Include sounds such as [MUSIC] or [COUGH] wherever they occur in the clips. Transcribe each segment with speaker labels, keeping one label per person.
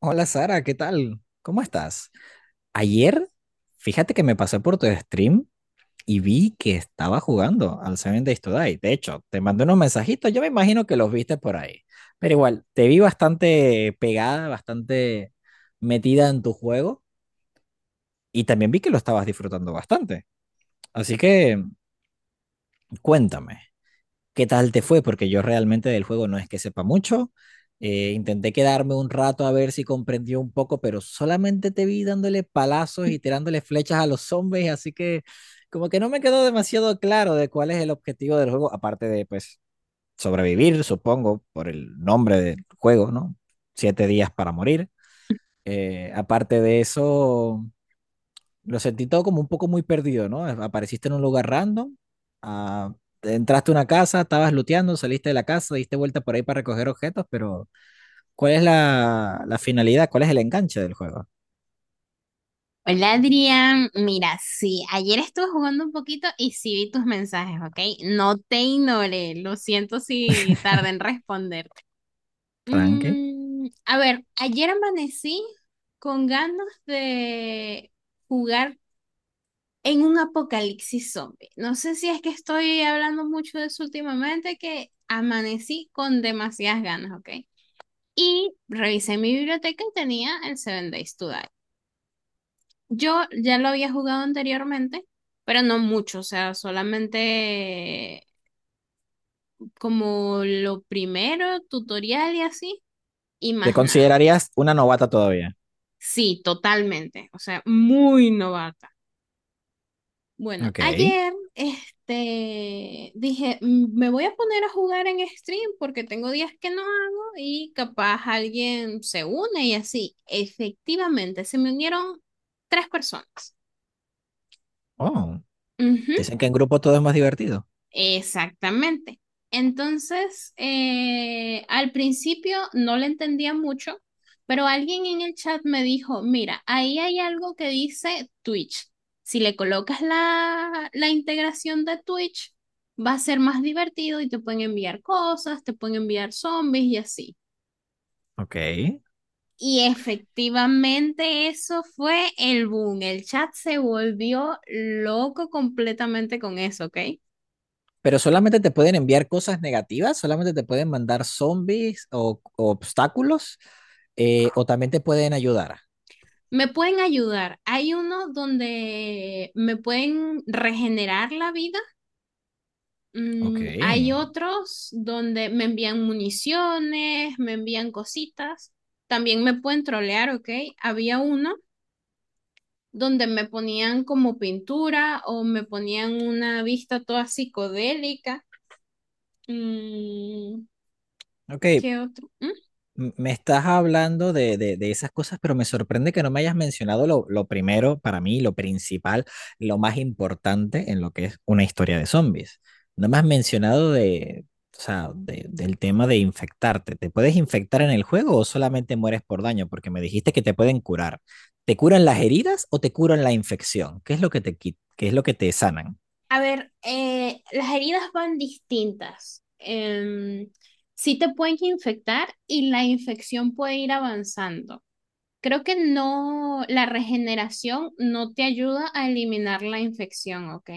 Speaker 1: Hola Sara, ¿qué tal? ¿Cómo estás? Ayer, fíjate que me pasé por tu stream y vi que estaba jugando al Seven Days to Die. De hecho, te mandé unos mensajitos, yo me imagino que los viste por ahí. Pero igual, te vi bastante pegada, bastante metida en tu juego y también vi que lo estabas disfrutando bastante. Así que cuéntame. Qué tal te fue, porque yo realmente del juego no es que sepa mucho. Intenté quedarme un rato a ver si comprendió un poco, pero solamente te vi dándole palazos y tirándole flechas a los zombies, así que como que no me quedó demasiado claro de cuál es el objetivo del juego, aparte de pues sobrevivir, supongo, por el nombre del juego, ¿no? 7 días para morir. Aparte de eso, lo sentí todo como un poco muy perdido, ¿no? Apareciste en un lugar random, ah, entraste a una casa, estabas looteando, saliste de la casa, diste vuelta por ahí para recoger objetos, pero ¿cuál es la finalidad? ¿Cuál es el enganche del juego?
Speaker 2: Hola Adrián, mira, sí, ayer estuve jugando un poquito y sí vi tus mensajes, ¿ok? No te ignoré, lo siento si tardé en responder.
Speaker 1: Tranqui.
Speaker 2: A ver, ayer amanecí con ganas de jugar en un apocalipsis zombie. No sé si es que estoy hablando mucho de eso últimamente, que amanecí con demasiadas ganas, ¿ok? Y revisé mi biblioteca y tenía el Seven Days to Die. Yo ya lo había jugado anteriormente, pero no mucho, o sea, solamente como lo primero, tutorial y así, y
Speaker 1: ¿Te
Speaker 2: más nada.
Speaker 1: considerarías una novata todavía?
Speaker 2: Sí, totalmente, o sea, muy novata. Bueno,
Speaker 1: Ok.
Speaker 2: ayer, dije, Me voy a poner a jugar en stream porque tengo días que no hago y capaz alguien se une y así. Efectivamente, se me unieron tres personas.
Speaker 1: Oh,
Speaker 2: Ujú.
Speaker 1: dicen que en grupo todo es más divertido.
Speaker 2: Exactamente. Entonces, al principio no le entendía mucho, pero alguien en el chat me dijo, mira, ahí hay algo que dice Twitch. Si le colocas la integración de Twitch, va a ser más divertido y te pueden enviar cosas, te pueden enviar zombies y así.
Speaker 1: Ok.
Speaker 2: Y efectivamente eso fue el boom. El chat se volvió loco completamente con eso, ¿ok?
Speaker 1: Pero solamente te pueden enviar cosas negativas, solamente te pueden mandar zombies o obstáculos, o también te pueden ayudar.
Speaker 2: Me pueden ayudar. Hay uno donde me pueden regenerar la vida.
Speaker 1: Ok.
Speaker 2: Hay otros donde me envían municiones, me envían cositas. También me pueden trolear, ¿ok? Había uno donde me ponían como pintura o me ponían una vista toda psicodélica. Mm,
Speaker 1: Ok,
Speaker 2: ¿Qué otro? ¿Mm?
Speaker 1: me estás hablando de esas cosas, pero me sorprende que no me hayas mencionado lo primero, para mí, lo principal, lo más importante en lo que es una historia de zombies. No me has mencionado de, o sea, del tema de infectarte. ¿Te puedes infectar en el juego o solamente mueres por daño? Porque me dijiste que te pueden curar. ¿Te curan las heridas o te curan la infección? ¿Qué es lo que te, qué es lo que te sanan?
Speaker 2: A ver, las heridas van distintas. Sí te pueden infectar y la infección puede ir avanzando. Creo que no, la regeneración no te ayuda a eliminar la infección, ¿ok?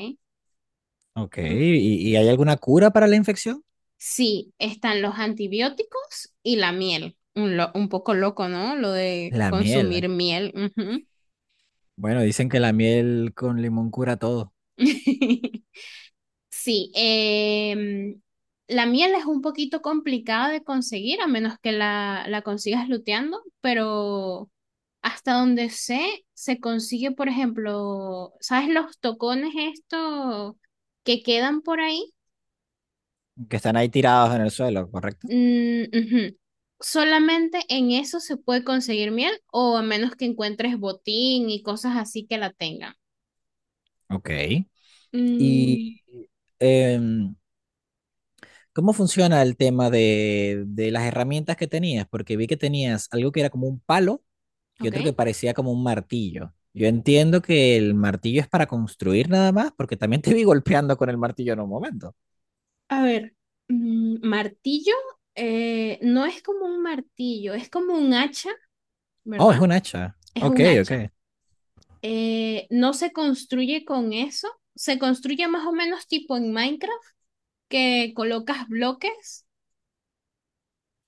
Speaker 1: Ok, y hay alguna cura para la infección?
Speaker 2: Sí, están los antibióticos y la miel. Un poco loco, ¿no? Lo de
Speaker 1: La miel.
Speaker 2: consumir miel. Ujú.
Speaker 1: Bueno, dicen que la miel con limón cura todo.
Speaker 2: [LAUGHS] Sí, em, la miel es un poquito complicada de conseguir, a menos que la consigas luteando, pero hasta donde sé, se consigue, por ejemplo, ¿sabes los tocones estos que quedan por ahí?
Speaker 1: ¿Que están ahí tirados en el suelo, correcto?
Speaker 2: Mm, ujú. Solamente en eso se puede conseguir miel, o a menos que encuentres botín y cosas así que la tengan.
Speaker 1: Ok. Y
Speaker 2: Mm,
Speaker 1: em, ¿cómo funciona el tema de las herramientas que tenías? Porque vi que tenías algo que era como un palo y
Speaker 2: ok.
Speaker 1: otro que parecía como un martillo. Yo entiendo que el martillo es para construir nada más, porque también [LAUGHS] te vi golpeando con el martillo en un momento.
Speaker 2: A ver, martillo, no es como un martillo, es como un hacha,
Speaker 1: Oh,
Speaker 2: ¿verdad?
Speaker 1: es un hacha.
Speaker 2: Es
Speaker 1: Ok,
Speaker 2: un
Speaker 1: ok.
Speaker 2: hacha. No se construye con eso, se construye más o menos tipo en Minecraft, que colocas bloques.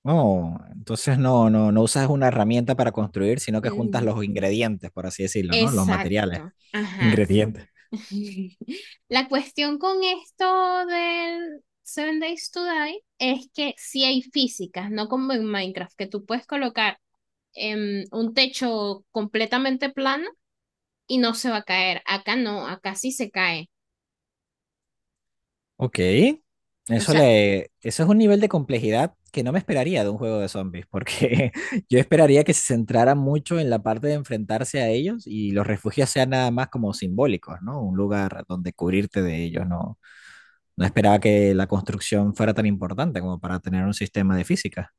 Speaker 1: Oh, entonces no, no, no usas una herramienta para construir, sino que juntas
Speaker 2: Mm,
Speaker 1: los ingredientes, por así decirlo, ¿no? Los materiales.
Speaker 2: exacto, ajá.
Speaker 1: Ingredientes.
Speaker 2: [LAUGHS] La cuestión con esto del Seven Days to Die es que sí hay físicas, no como en Minecraft, que tú puedes colocar un techo completamente plano y no se va a caer. Acá no, acá sí se cae.
Speaker 1: Ok.
Speaker 2: O
Speaker 1: Eso
Speaker 2: sea,
Speaker 1: le, eso es un nivel de complejidad que no me esperaría de un juego de zombies, porque [LAUGHS] yo esperaría que se centrara mucho en la parte de enfrentarse a ellos y los refugios sean nada más como simbólicos, ¿no? Un lugar donde cubrirte de ellos, ¿no? No esperaba que la construcción fuera tan importante como para tener un sistema de física.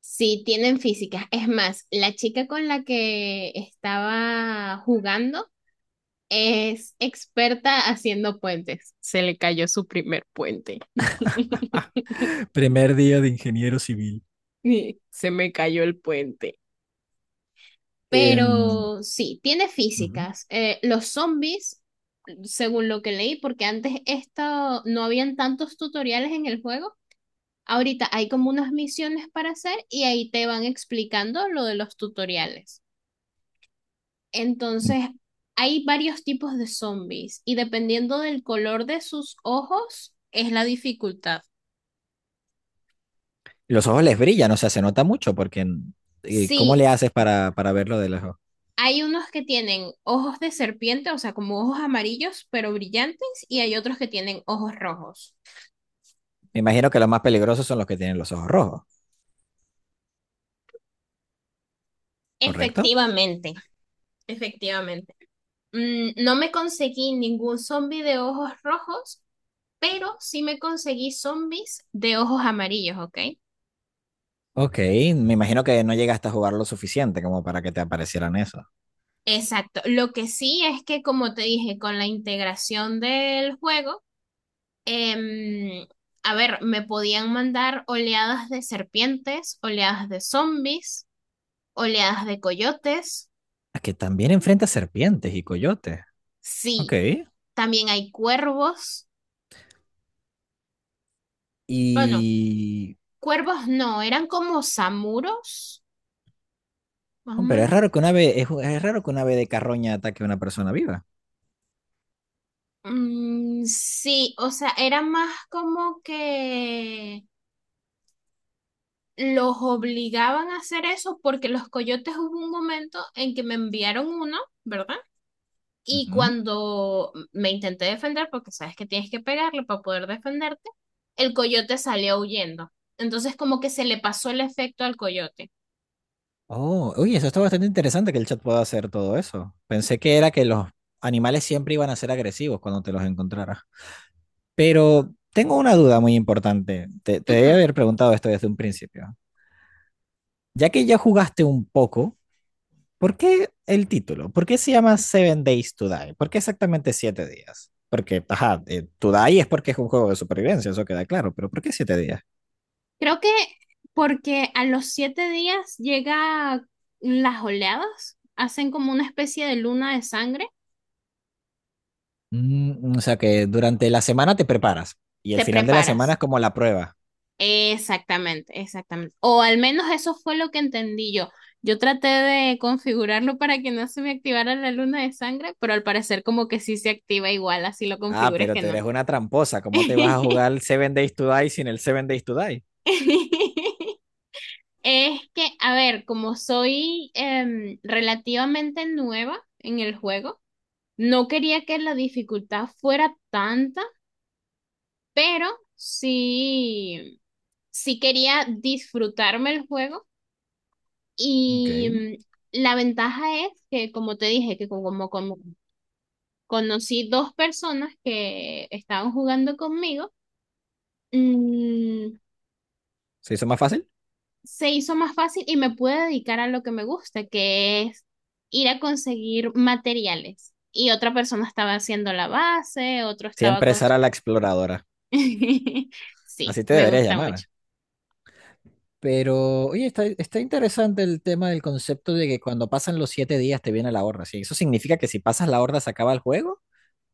Speaker 2: sí tienen físicas. Es más, la chica con la que estaba jugando es experta haciendo puentes. Se le cayó su primer puente. [LAUGHS]
Speaker 1: [LAUGHS] Primer día de ingeniero civil.
Speaker 2: Se me cayó el puente.
Speaker 1: Em,
Speaker 2: Pero sí, tiene
Speaker 1: ujú.
Speaker 2: físicas. Los zombies, según lo que leí, porque antes esto no habían tantos tutoriales en el juego. Ahorita hay como unas misiones para hacer y ahí te van explicando lo de los tutoriales. Entonces, hay varios tipos de zombies y dependiendo del color de sus ojos es la dificultad.
Speaker 1: Los ojos les brillan, o sea, se nota mucho porque ¿cómo
Speaker 2: Sí,
Speaker 1: le haces para verlo de lejos?
Speaker 2: hay unos que tienen ojos de serpiente, o sea, como ojos amarillos pero brillantes, y hay otros que tienen ojos rojos.
Speaker 1: Me imagino que los más peligrosos son los que tienen los ojos rojos, ¿correcto?
Speaker 2: Efectivamente, efectivamente. No me conseguí ningún zombie de ojos rojos, pero sí me conseguí zombies de ojos amarillos, ¿ok?
Speaker 1: Ok, me imagino que no llegaste a jugar lo suficiente como para que te aparecieran eso.
Speaker 2: Exacto. Lo que sí es que, como te dije, con la integración del juego, em, a ver, me podían mandar oleadas de serpientes, oleadas de zombies, oleadas de coyotes.
Speaker 1: Ah, que también enfrenta serpientes y coyotes. Ok.
Speaker 2: Sí, también hay cuervos. Bueno,
Speaker 1: Y...
Speaker 2: cuervos no, eran como samuros, más o
Speaker 1: oh, pero es
Speaker 2: menos.
Speaker 1: raro que una ave, es raro que una ave de carroña ataque a una persona viva.
Speaker 2: Mm, sí, o sea, era más como que los obligaban a hacer eso porque los coyotes hubo un momento en que me enviaron uno, ¿verdad? Y
Speaker 1: Ujú.
Speaker 2: cuando me intenté defender, porque sabes que tienes que pegarle para poder defenderte, el coyote salió huyendo. Entonces como que se le pasó el efecto al coyote.
Speaker 1: Oh, uy, eso está bastante interesante que el chat pueda hacer todo eso. Pensé que era que los animales siempre iban a ser agresivos cuando te los encontraras. Pero tengo una duda muy importante. Te debí
Speaker 2: Ujú.
Speaker 1: haber preguntado esto desde un principio. Ya que ya jugaste un poco, ¿por qué el título? ¿Por qué se llama Seven Days to Die? ¿Por qué exactamente 7 días? Porque, ajá, to Die es porque es un juego de supervivencia, eso queda claro, pero ¿por qué 7 días?
Speaker 2: Creo que porque a los 7 días llega las oleadas, hacen como una especie de luna de sangre,
Speaker 1: Mm, o sea que durante la semana te preparas y el
Speaker 2: te
Speaker 1: final de la semana
Speaker 2: preparas.
Speaker 1: es como la prueba.
Speaker 2: Exactamente, exactamente. O al menos eso fue lo que entendí yo. Yo traté de configurarlo para que no se me activara la luna de sangre, pero al parecer como que sí se activa igual, así lo
Speaker 1: Ah,
Speaker 2: configures
Speaker 1: pero
Speaker 2: que
Speaker 1: te
Speaker 2: no.
Speaker 1: eres una tramposa, ¿cómo te vas a jugar el Seven Days to Die sin el Seven Days to Die?
Speaker 2: [LAUGHS] Es que, a ver, como soy relativamente nueva en el juego, no quería que la dificultad fuera tanta, pero sí, sí quería disfrutarme el juego.
Speaker 1: Ok,
Speaker 2: Y la ventaja es que, como te dije, que como conocí dos personas que estaban jugando conmigo, mm,
Speaker 1: ¿se hizo más fácil?
Speaker 2: se hizo más fácil y me pude dedicar a lo que me gusta, que es ir a conseguir materiales. Y otra persona estaba haciendo la base, otro estaba
Speaker 1: Siempre
Speaker 2: con...
Speaker 1: será la exploradora,
Speaker 2: [LAUGHS] Sí,
Speaker 1: así te
Speaker 2: me
Speaker 1: deberías
Speaker 2: gusta
Speaker 1: llamar.
Speaker 2: mucho.
Speaker 1: Pero, oye, está, está interesante el tema del concepto de que cuando pasan los 7 días te viene la horda. ¿Sí? ¿Eso significa que si pasas la horda se acaba el juego?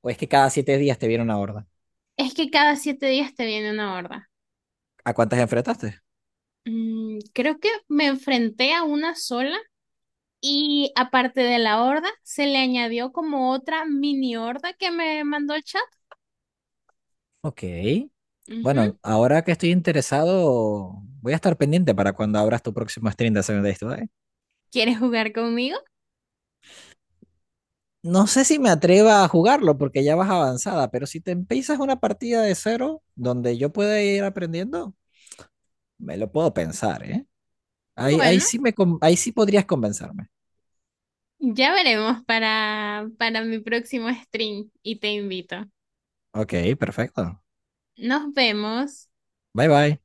Speaker 1: ¿O es que cada 7 días te viene una horda?
Speaker 2: Es que cada 7 días te viene una horda.
Speaker 1: ¿A cuántas enfrentaste?
Speaker 2: Creo que me enfrenté a una sola. Y aparte de la horda, se le añadió como otra mini horda que me mandó el chat.
Speaker 1: Ok.
Speaker 2: Ujú.
Speaker 1: Bueno, ahora que estoy interesado, voy a estar pendiente para cuando abras tu próximo stream de Seven Days to Die.
Speaker 2: ¿Quieres jugar conmigo?
Speaker 1: No sé si me atreva a jugarlo porque ya vas avanzada, pero si te empiezas una partida de cero donde yo pueda ir aprendiendo, me lo puedo pensar, ¿eh? Ahí, ahí
Speaker 2: Bueno,
Speaker 1: sí me, ahí sí podrías convencerme.
Speaker 2: ya veremos para mi próximo stream y te invito.
Speaker 1: Ok, perfecto.
Speaker 2: Nos vemos.
Speaker 1: Bye bye.